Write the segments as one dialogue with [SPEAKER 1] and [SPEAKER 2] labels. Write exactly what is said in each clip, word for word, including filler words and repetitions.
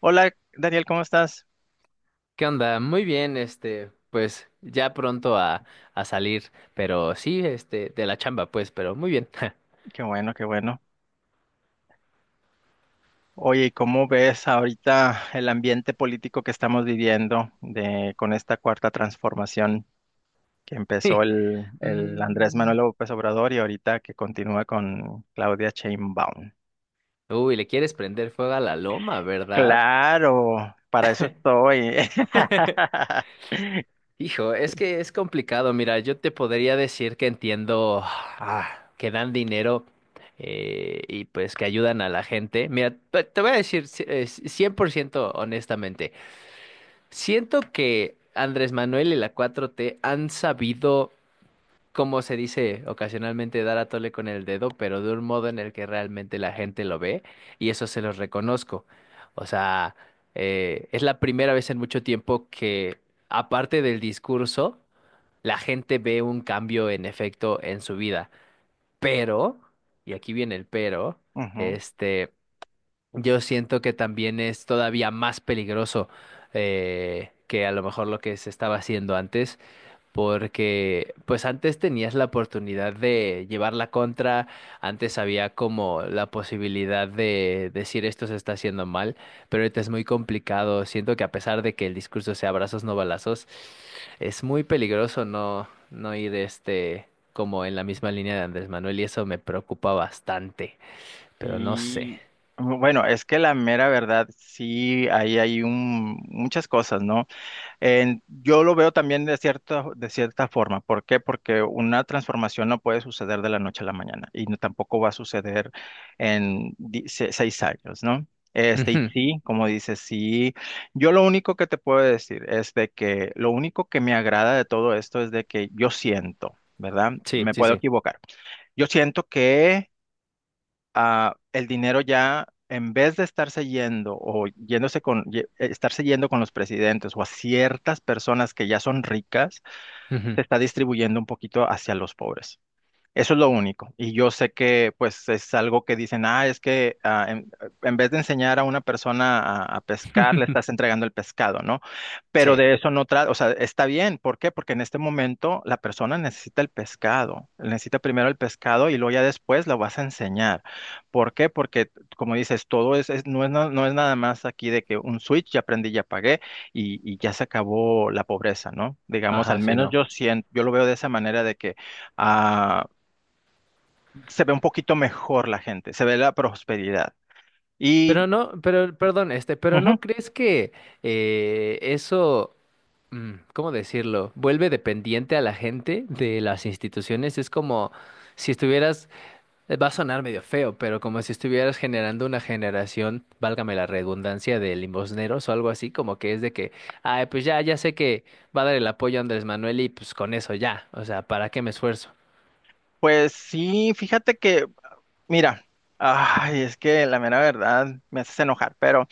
[SPEAKER 1] Hola, Daniel, ¿cómo estás?
[SPEAKER 2] ¿Qué onda? Muy bien, este, pues ya pronto a, a salir, pero sí, este, de la chamba, pues, pero muy bien.
[SPEAKER 1] Qué bueno, qué bueno. Oye, ¿y cómo ves ahorita el ambiente político que estamos viviendo de, con esta cuarta transformación que empezó
[SPEAKER 2] Sí.
[SPEAKER 1] el, el Andrés
[SPEAKER 2] Mm.
[SPEAKER 1] Manuel López Obrador y ahorita que continúa con Claudia Sheinbaum?
[SPEAKER 2] Uy, le quieres prender fuego a la loma, ¿verdad?
[SPEAKER 1] Claro, para eso estoy.
[SPEAKER 2] Hijo, es que es complicado. Mira, yo te podría decir que entiendo ah, que dan dinero eh, y pues que ayudan a la gente. Mira, te te voy a decir ci- eh, ci- cien por ciento honestamente. Siento que Andrés Manuel y la cuatro t han sabido como se dice ocasionalmente, dar a tole con el dedo, pero de un modo en el que realmente la gente lo ve y eso se los reconozco. O sea, eh, es la primera vez en mucho tiempo que, aparte del discurso, la gente ve un cambio en efecto en su vida. Pero, y aquí viene el pero,
[SPEAKER 1] Ujú.
[SPEAKER 2] este, yo siento que también es todavía más peligroso eh, que a lo mejor lo que se estaba haciendo antes, porque pues antes tenías la oportunidad de llevar la contra, antes había como la posibilidad de decir esto se está haciendo mal, pero ahorita es muy complicado. Siento que a pesar de que el discurso sea abrazos no balazos, es muy peligroso no, no ir este como en la misma línea de Andrés Manuel, y eso me preocupa bastante, pero no sé.
[SPEAKER 1] Sí, bueno, es que la mera verdad, sí, ahí hay un, muchas cosas, ¿no? En- yo lo veo también de cierta, de cierta forma. ¿Por qué? Porque una transformación no puede suceder de la noche a la mañana y no- tampoco va a suceder en di- se- seis años, ¿no? Este, y
[SPEAKER 2] Ujú.
[SPEAKER 1] sí, como dices, sí. Yo lo único que te puedo decir es de que lo único que me agrada de todo esto es de que yo siento, ¿verdad?
[SPEAKER 2] Sí,
[SPEAKER 1] Me
[SPEAKER 2] sí,
[SPEAKER 1] puedo
[SPEAKER 2] sí.
[SPEAKER 1] equivocar. Yo siento que ah, el dinero ya, en vez de estarse yendo o yéndose con, ye- eh, estarse yendo con los presidentes o a ciertas personas que ya son ricas,
[SPEAKER 2] Ujú.
[SPEAKER 1] se está distribuyendo un poquito hacia los pobres. Eso es lo único. Y yo sé que pues es algo que dicen, ah, es que ah, en, en vez de enseñar a una persona a, a pescar, le estás entregando el pescado, ¿no? Pero
[SPEAKER 2] Sí.
[SPEAKER 1] de eso no trata, o sea, está bien. ¿Por qué? Porque en este momento la persona necesita el pescado. Necesita primero el pescado y luego ya después lo vas a enseñar. ¿Por qué? Porque, como dices, todo es, es- no es, na- no es nada más aquí de que un switch, ya aprendí, ya pagué y, y ya se acabó la pobreza, ¿no? Digamos, al
[SPEAKER 2] Ajá, sí,
[SPEAKER 1] menos
[SPEAKER 2] no.
[SPEAKER 1] yo siento, yo lo veo de esa manera de que ah, se ve un poquito mejor la gente, se ve la prosperidad.
[SPEAKER 2] Pero
[SPEAKER 1] Y
[SPEAKER 2] no, pero, perdón, este, pero
[SPEAKER 1] ujú,
[SPEAKER 2] ¿no crees que eh, eso, mm, ¿cómo decirlo? Vuelve dependiente a la gente de las instituciones. Es como si estuvieras, eh, va a sonar medio feo, pero como si estuvieras generando una generación, válgame la redundancia, de limosneros o algo así, como que es de que, ay, pues ya, ya sé que va a dar el apoyo a Andrés Manuel y pues con eso ya, o sea, ¿para qué me esfuerzo?
[SPEAKER 1] pues sí, fíjate que, mira, ay, es que la mera verdad me haces enojar, pero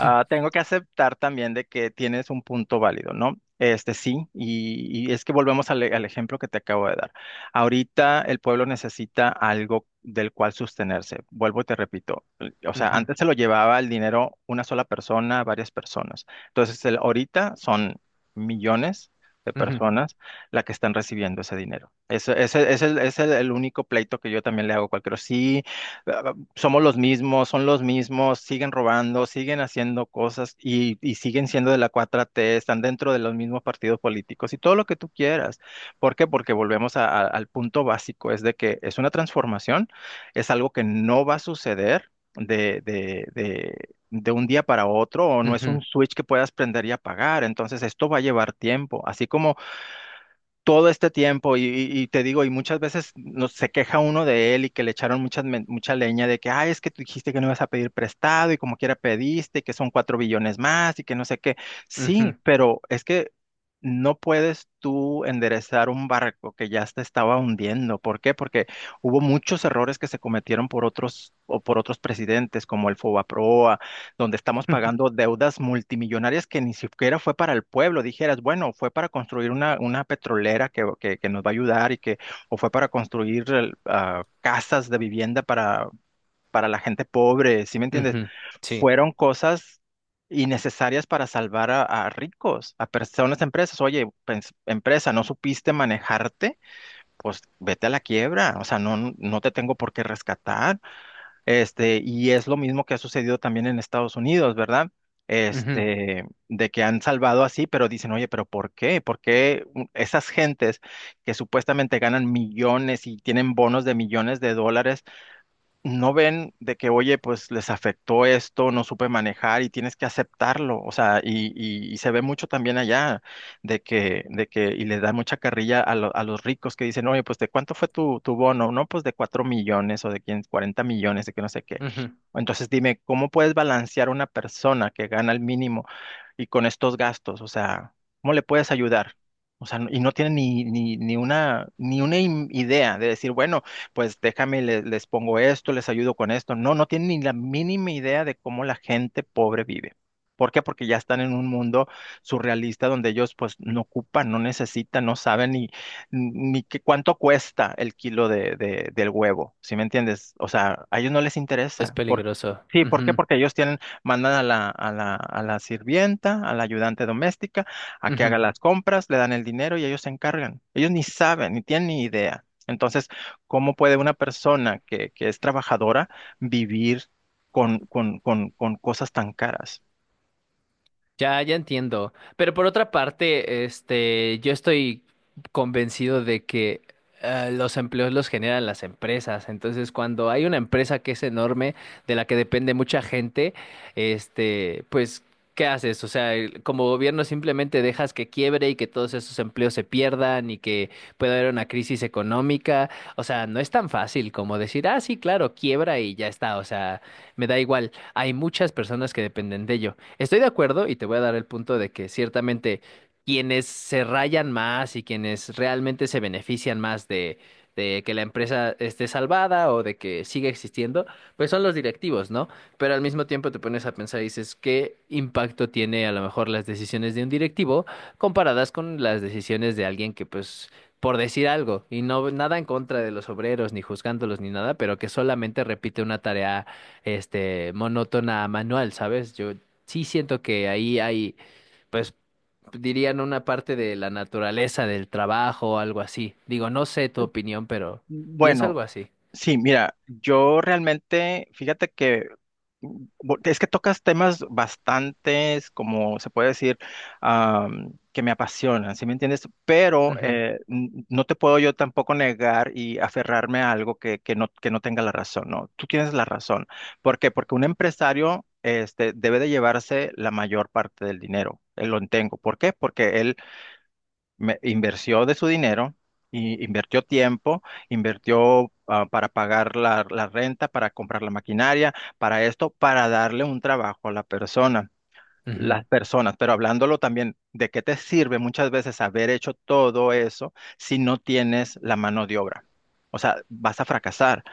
[SPEAKER 1] ah, tengo que aceptar también de que tienes un punto válido, ¿no? Este sí, y, y es que volvemos al, e- al ejemplo que te acabo de dar. Ahorita el pueblo necesita algo del cual sostenerse. Vuelvo y te repito, l- o sea,
[SPEAKER 2] Ujú,
[SPEAKER 1] antes se lo llevaba el dinero una sola persona, varias personas. Entonces, el- ahorita son millones de
[SPEAKER 2] ujú,
[SPEAKER 1] personas las que están recibiendo ese dinero. Ese, ese- ese es el es el- el único pleito que yo también le hago a cualquiera. Sí, somos los mismos, son los mismos, siguen robando, siguen haciendo cosas y, y siguen siendo de la cuatro T, están dentro de los mismos partidos políticos y todo lo que tú quieras. ¿Por qué? Porque volvemos a- a- al punto básico, es de que es una transformación, es algo que no va a suceder de, de, de, de un día para otro o no es un
[SPEAKER 2] ujú,
[SPEAKER 1] switch que puedas prender y apagar. Entonces, esto va a llevar tiempo, así como todo este tiempo y, y- y te digo, y muchas veces no, se queja uno de él y que le echaron mucha, mucha leña de que, ay, es que tú dijiste que no ibas a pedir prestado y como quiera pediste, y que son cuatro billones más y que no sé qué. Sí,
[SPEAKER 2] ujú,
[SPEAKER 1] pero es que no puedes tú enderezar un barco que ya se estaba hundiendo. ¿Por qué? Porque hubo muchos errores que se cometieron por otros o por otros presidentes como el Fobaproa, donde estamos pagando deudas multimillonarias que ni siquiera fue para el pueblo. Dijeras, bueno, fue para construir una, una petrolera que, que, que nos va a ayudar y que, o fue para construir el, ah, casas de vivienda para, para, la gente pobre, ¿sí me entiendes?
[SPEAKER 2] ujú. Sí.
[SPEAKER 1] Fueron cosas innecesarias para salvar a, a ricos, a personas, empresas. Oye, pens- empresa, ¿no supiste manejarte? Pues vete a la quiebra, o sea, no, no te tengo por qué rescatar. Este, y es lo mismo que ha sucedido también en Estados Unidos, ¿verdad?
[SPEAKER 2] Ujú,
[SPEAKER 1] Este, de que han salvado así, pero dicen, oye, pero ¿por qué? ¿Por qué u- esas gentes que supuestamente ganan millones y tienen bonos de millones de dólares, no ven de que, oye, pues les afectó esto, no supe manejar y tienes que aceptarlo. O sea, y, y- y se ve mucho también allá de que, de que, y le da mucha carrilla a, lo- a los ricos que dicen, oye, pues de cuánto fue tu, tu bono, no, pues de cuatro millones o de quien- cuarenta millones, de que no sé qué.
[SPEAKER 2] ujú.
[SPEAKER 1] Entonces dime, ¿cómo puedes balancear una persona que gana el mínimo y con estos gastos? O sea, ¿cómo le puedes ayudar? O sea, y no tiene ni, ni, ni una, ni una im- idea de decir, bueno, pues déjame, le- les pongo esto, les ayudo con esto. No, no tienen ni la mínima idea de cómo la gente pobre vive. ¿Por qué? Porque ya están en un mundo surrealista donde ellos pues no ocupan, no necesitan, no saben ni, ni qué- cuánto cuesta el kilo de, de- del huevo, ¿sí me entiendes? O sea, a ellos no les
[SPEAKER 2] Es
[SPEAKER 1] interesa. ¿Por-
[SPEAKER 2] peligroso.
[SPEAKER 1] sí, ¿por qué?
[SPEAKER 2] Ujú,
[SPEAKER 1] Porque ellos tienen, mandan a la, a la, a la sirvienta, a la ayudante doméstica, a que haga
[SPEAKER 2] ujú.
[SPEAKER 1] las compras, le dan el dinero y ellos se encargan. Ellos ni saben, ni tienen ni idea. Entonces, ¿cómo puede una persona que, que es trabajadora vivir con, con, con, con cosas tan caras?
[SPEAKER 2] Ya, ya entiendo. Pero por otra parte, este, yo estoy convencido de que eh, los empleos los generan las empresas. Entonces, cuando hay una empresa que es enorme, de la que depende mucha gente, este, pues, ¿qué haces? O sea, el- como gobierno simplemente dejas que quiebre y que todos esos empleos se pierdan y que pueda haber una crisis económica. O sea, no es tan fácil como decir, ah, sí, claro, quiebra y ya está. O sea, me da igual. Hay muchas personas que dependen de ello. Estoy de acuerdo y te voy a dar el punto de que ciertamente quienes se rayan más y quienes realmente se benefician más de, de que la empresa esté salvada o de que siga existiendo, pues son los directivos, ¿no? Pero al mismo tiempo te pones a pensar y dices, ¿qué impacto tiene a lo mejor las decisiones de un directivo comparadas con las decisiones de alguien que pues... por decir algo, y no nada en contra de los obreros, ni juzgándolos, ni nada, pero que solamente repite una tarea este monótona manual, ¿sabes? Yo sí siento que ahí hay, pues dirían una parte de la naturaleza del trabajo o algo así. Digo, no sé tu opinión, pero pienso
[SPEAKER 1] Bueno,
[SPEAKER 2] algo así.
[SPEAKER 1] sí, mira, yo realmente, fíjate que mm, bo- es que tocas temas bastantes, como se puede decir, am, que me apasionan, ¿sí me entiendes? Pero
[SPEAKER 2] Ujú,
[SPEAKER 1] eh, n- no te puedo yo tampoco negar y aferrarme a algo que, que no, que no tenga la razón, ¿no? Tú tienes la razón. ¿Por qué? Porque un empresario este, debe de llevarse la mayor parte del dinero. Él lo entiendo. ¿Por qué? Porque me- invirtió de su dinero, y invirtió tiempo, invirtió ah, para pagar la, la renta, para comprar la maquinaria, para esto, para darle un trabajo a la persona.
[SPEAKER 2] ujú,
[SPEAKER 1] Las personas, pero hablándolo también, ¿de qué te sirve muchas veces haber hecho todo eso si no tienes la mano de obra? O sea, vas a fracasar.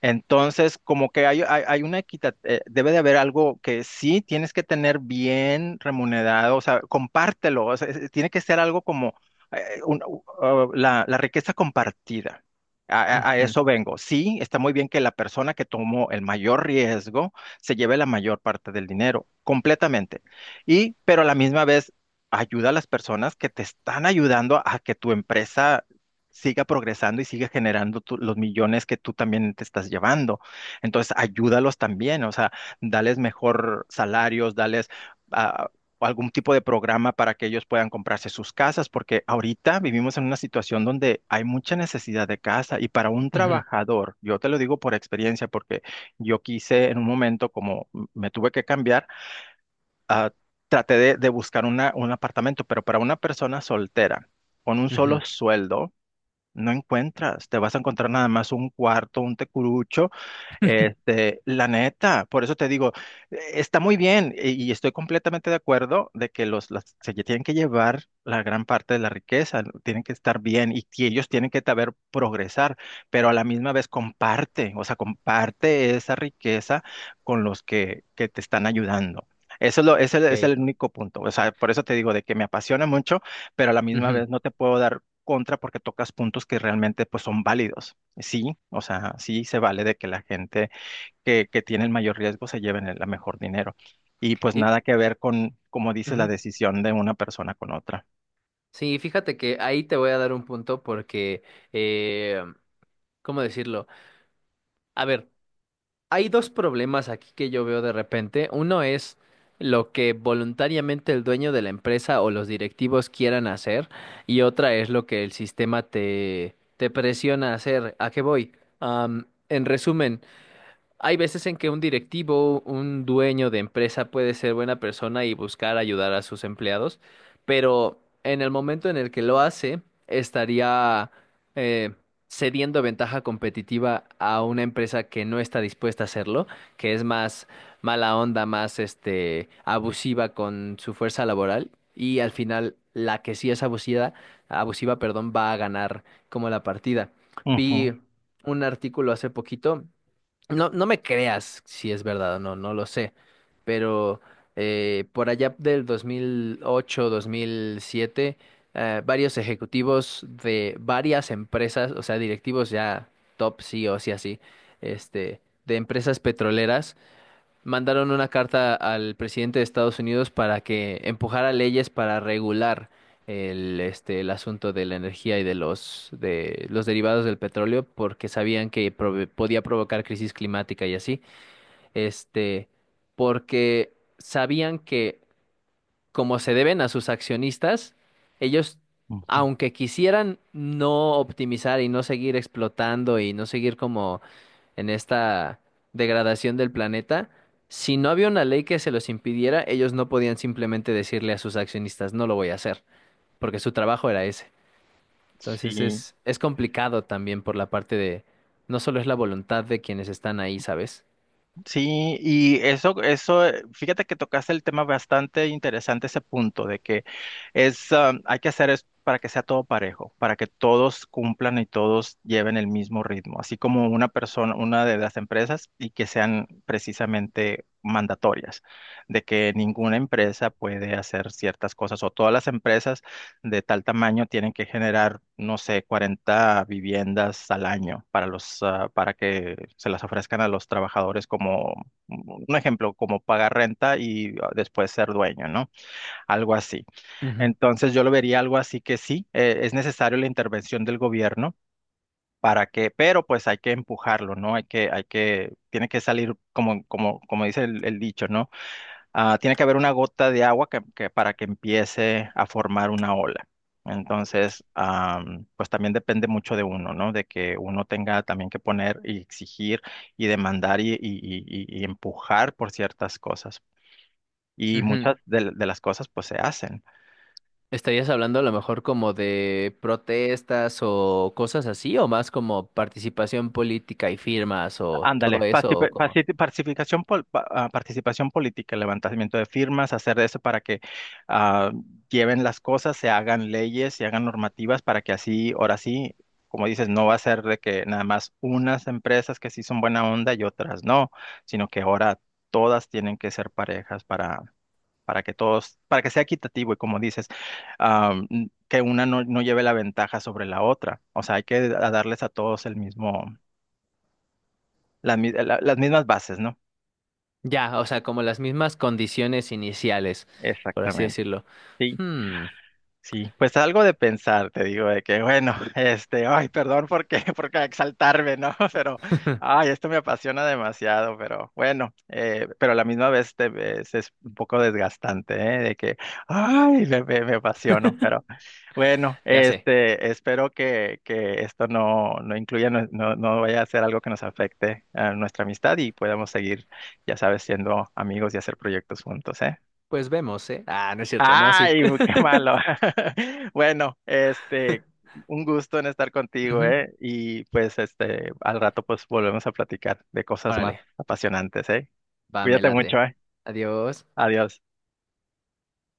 [SPEAKER 1] Entonces, como que hay, hay, hay una equidad, eh, debe de haber algo que sí tienes que tener bien remunerado, o sea, compártelo, o sea, es- tiene que ser algo como eh, un- u- uh, la, la riqueza compartida. A, a- a
[SPEAKER 2] ujú,
[SPEAKER 1] eso vengo. Sí, está muy bien que la persona que tomó el mayor riesgo se lleve la mayor parte del dinero, completamente. Y, pero a la misma vez, ayuda a las personas que te están ayudando a que tu empresa siga progresando y siga generando tu- los millones que tú también te estás llevando. Entonces, ayúdalos también, o sea, dales mejor salarios, dales ah, algún tipo de programa para que ellos puedan comprarse sus casas, porque ahorita vivimos en una situación donde hay mucha necesidad de casa y para un
[SPEAKER 2] ujú,
[SPEAKER 1] trabajador, yo te lo digo por experiencia, porque yo quise en un momento, como m- me tuve que cambiar, ah, traté de, de buscar una- un apartamento, pero para una persona soltera, con un solo
[SPEAKER 2] ujú,
[SPEAKER 1] sueldo, no encuentras, te vas a encontrar nada más un cuarto, un tecurucho, este, la neta, por eso te digo, eh, está muy bien eh, y estoy completamente de acuerdo de que los, las- se tienen que llevar la gran parte de la riqueza, ¿no? Tienen que estar bien y, que ellos tienen que saber progresar, pero a la misma vez comparte, o sea, comparte esa riqueza con los que, que te están ayudando. Eso es lo, ese es
[SPEAKER 2] ok,
[SPEAKER 1] el único punto. O sea, por eso te digo de que me apasiona mucho, pero a la misma
[SPEAKER 2] ujú.
[SPEAKER 1] vez no te puedo dar contra porque tocas puntos que realmente pues son válidos. Sí, o sea, sí se vale de que la gente que, que tiene el mayor riesgo se lleven el la mejor dinero. Y pues
[SPEAKER 2] Y,
[SPEAKER 1] nada que ver con, como dice, la
[SPEAKER 2] ujú.
[SPEAKER 1] decisión de una persona con otra.
[SPEAKER 2] Sí, fíjate que ahí te voy a dar un punto porque, eh, ¿cómo decirlo? A ver. Hay dos problemas aquí que yo veo de repente. Uno es lo que voluntariamente el dueño de la empresa o los directivos quieran hacer y otra es lo que el sistema te, te presiona a hacer. ¿A qué voy? Am, en resumen, hay veces en que un directivo, un dueño de empresa puede ser buena persona y buscar ayudar a sus empleados, pero en el momento en el que lo hace, estaría eh, cediendo ventaja competitiva a una empresa que no está dispuesta a hacerlo, que es más mala onda, más este abusiva con su fuerza laboral, y al final la que sí es abusiva, abusiva, perdón, va a ganar como la partida.
[SPEAKER 1] Ujú,
[SPEAKER 2] Vi un artículo hace poquito, no, no me creas si es verdad o no, no lo sé, pero eh, por allá del dos mil ocho, dos mil siete, eh, varios ejecutivos de varias empresas, o sea, directivos ya top C E Os y así, este, de empresas petroleras, mandaron una carta al presidente de Estados Unidos para que empujara leyes para regular el, este, el asunto de la energía y de los, de los derivados del petróleo, porque sabían que prove- podía provocar crisis climática y así, este, porque sabían que como se deben a sus accionistas, ellos,
[SPEAKER 1] ujú.
[SPEAKER 2] aunque quisieran no optimizar y no seguir explotando y no seguir como en esta degradación del planeta, si no había una ley que se los impidiera, ellos no podían simplemente decirle a sus accionistas, no lo voy a hacer, porque su trabajo era ese. Entonces
[SPEAKER 1] Sí.
[SPEAKER 2] es, es complicado también por la parte de, no solo es la voluntad de quienes están ahí, ¿sabes?
[SPEAKER 1] Sí, y eso, eso, eh, fíjate que tocaste el tema bastante interesante, ese punto de que es, ah, hay que hacer es para que sea todo parejo, para que todos cumplan y todos lleven el mismo ritmo, así como una persona, una de las empresas y que sean precisamente mandatorias, de que ninguna empresa puede hacer ciertas cosas o todas las empresas de tal tamaño tienen que generar, no sé, cuarenta viviendas al año para los, ah, para que se las ofrezcan a los trabajadores como, mm, un ejemplo, como pagar renta y ah, después ser dueño, ¿no? Algo así. Entonces yo lo vería algo así que sí, eh, es necesario la intervención del gobierno. Para que, pero pues hay que empujarlo, ¿no? Hay que, hay que, tiene que salir como, como, como, dice el el dicho, ¿no? Ah, tiene que haber una gota de agua que, que para que empiece a formar una ola. Entonces, am, pues también depende mucho de uno, ¿no? De que uno tenga también que poner y exigir y demandar y, y- y- y- y empujar por ciertas cosas. Y
[SPEAKER 2] Ujú, ujú.
[SPEAKER 1] muchas de, de las cosas pues se hacen.
[SPEAKER 2] ¿Estarías hablando a lo mejor como de protestas o cosas así, o más como participación política y firmas o
[SPEAKER 1] Ándale,
[SPEAKER 2] todo eso, o
[SPEAKER 1] pacifi-
[SPEAKER 2] como...
[SPEAKER 1] paci- pacificación pol- pa- ah, participación política, levantamiento de firmas, hacer eso para que ah, lleven las cosas, se hagan leyes, se hagan normativas para que así, ahora sí, como dices, no va a ser de que nada más unas empresas que sí son buena onda y otras no, sino que ahora todas tienen que ser parejas para, para que todos, para que sea equitativo y como dices, ah, n- que una no, no lleve la ventaja sobre la otra. O sea, hay que a- darles a todos el mismo, la mi- la- las mismas bases, ¿no?
[SPEAKER 2] Ya, o sea, como las mismas condiciones iniciales, por así
[SPEAKER 1] Exactamente,
[SPEAKER 2] decirlo.
[SPEAKER 1] sí,
[SPEAKER 2] Hmm,
[SPEAKER 1] sí, pues algo de pensar, te digo, de que bueno, este, ay, perdón porque, qué, por exaltarme, ¿no? Pero, ay, esto me apasiona demasiado, pero bueno, eh, pero a la misma vez te ves- es un poco desgastante, ¿eh? De que, ay, me, me, me apasiono, pero bueno,
[SPEAKER 2] ya sé.
[SPEAKER 1] este, espero que, que esto no, no incluya, no, no, no vaya a ser algo que nos afecte a nuestra amistad y podamos seguir, ya sabes, siendo amigos y hacer proyectos juntos, ¿eh?
[SPEAKER 2] Pues vemos, ¿eh? Ah, no es cierto, no, sí.
[SPEAKER 1] Ay, qué malo. Bueno, este, un gusto en estar contigo,
[SPEAKER 2] Ujú.
[SPEAKER 1] ¿eh? Y pues, este, al rato pues volvemos a platicar de cosas más
[SPEAKER 2] Órale,
[SPEAKER 1] apasionantes, ¿eh?
[SPEAKER 2] va, me
[SPEAKER 1] Cuídate
[SPEAKER 2] late.
[SPEAKER 1] mucho, ¿eh?
[SPEAKER 2] Adiós.
[SPEAKER 1] Adiós.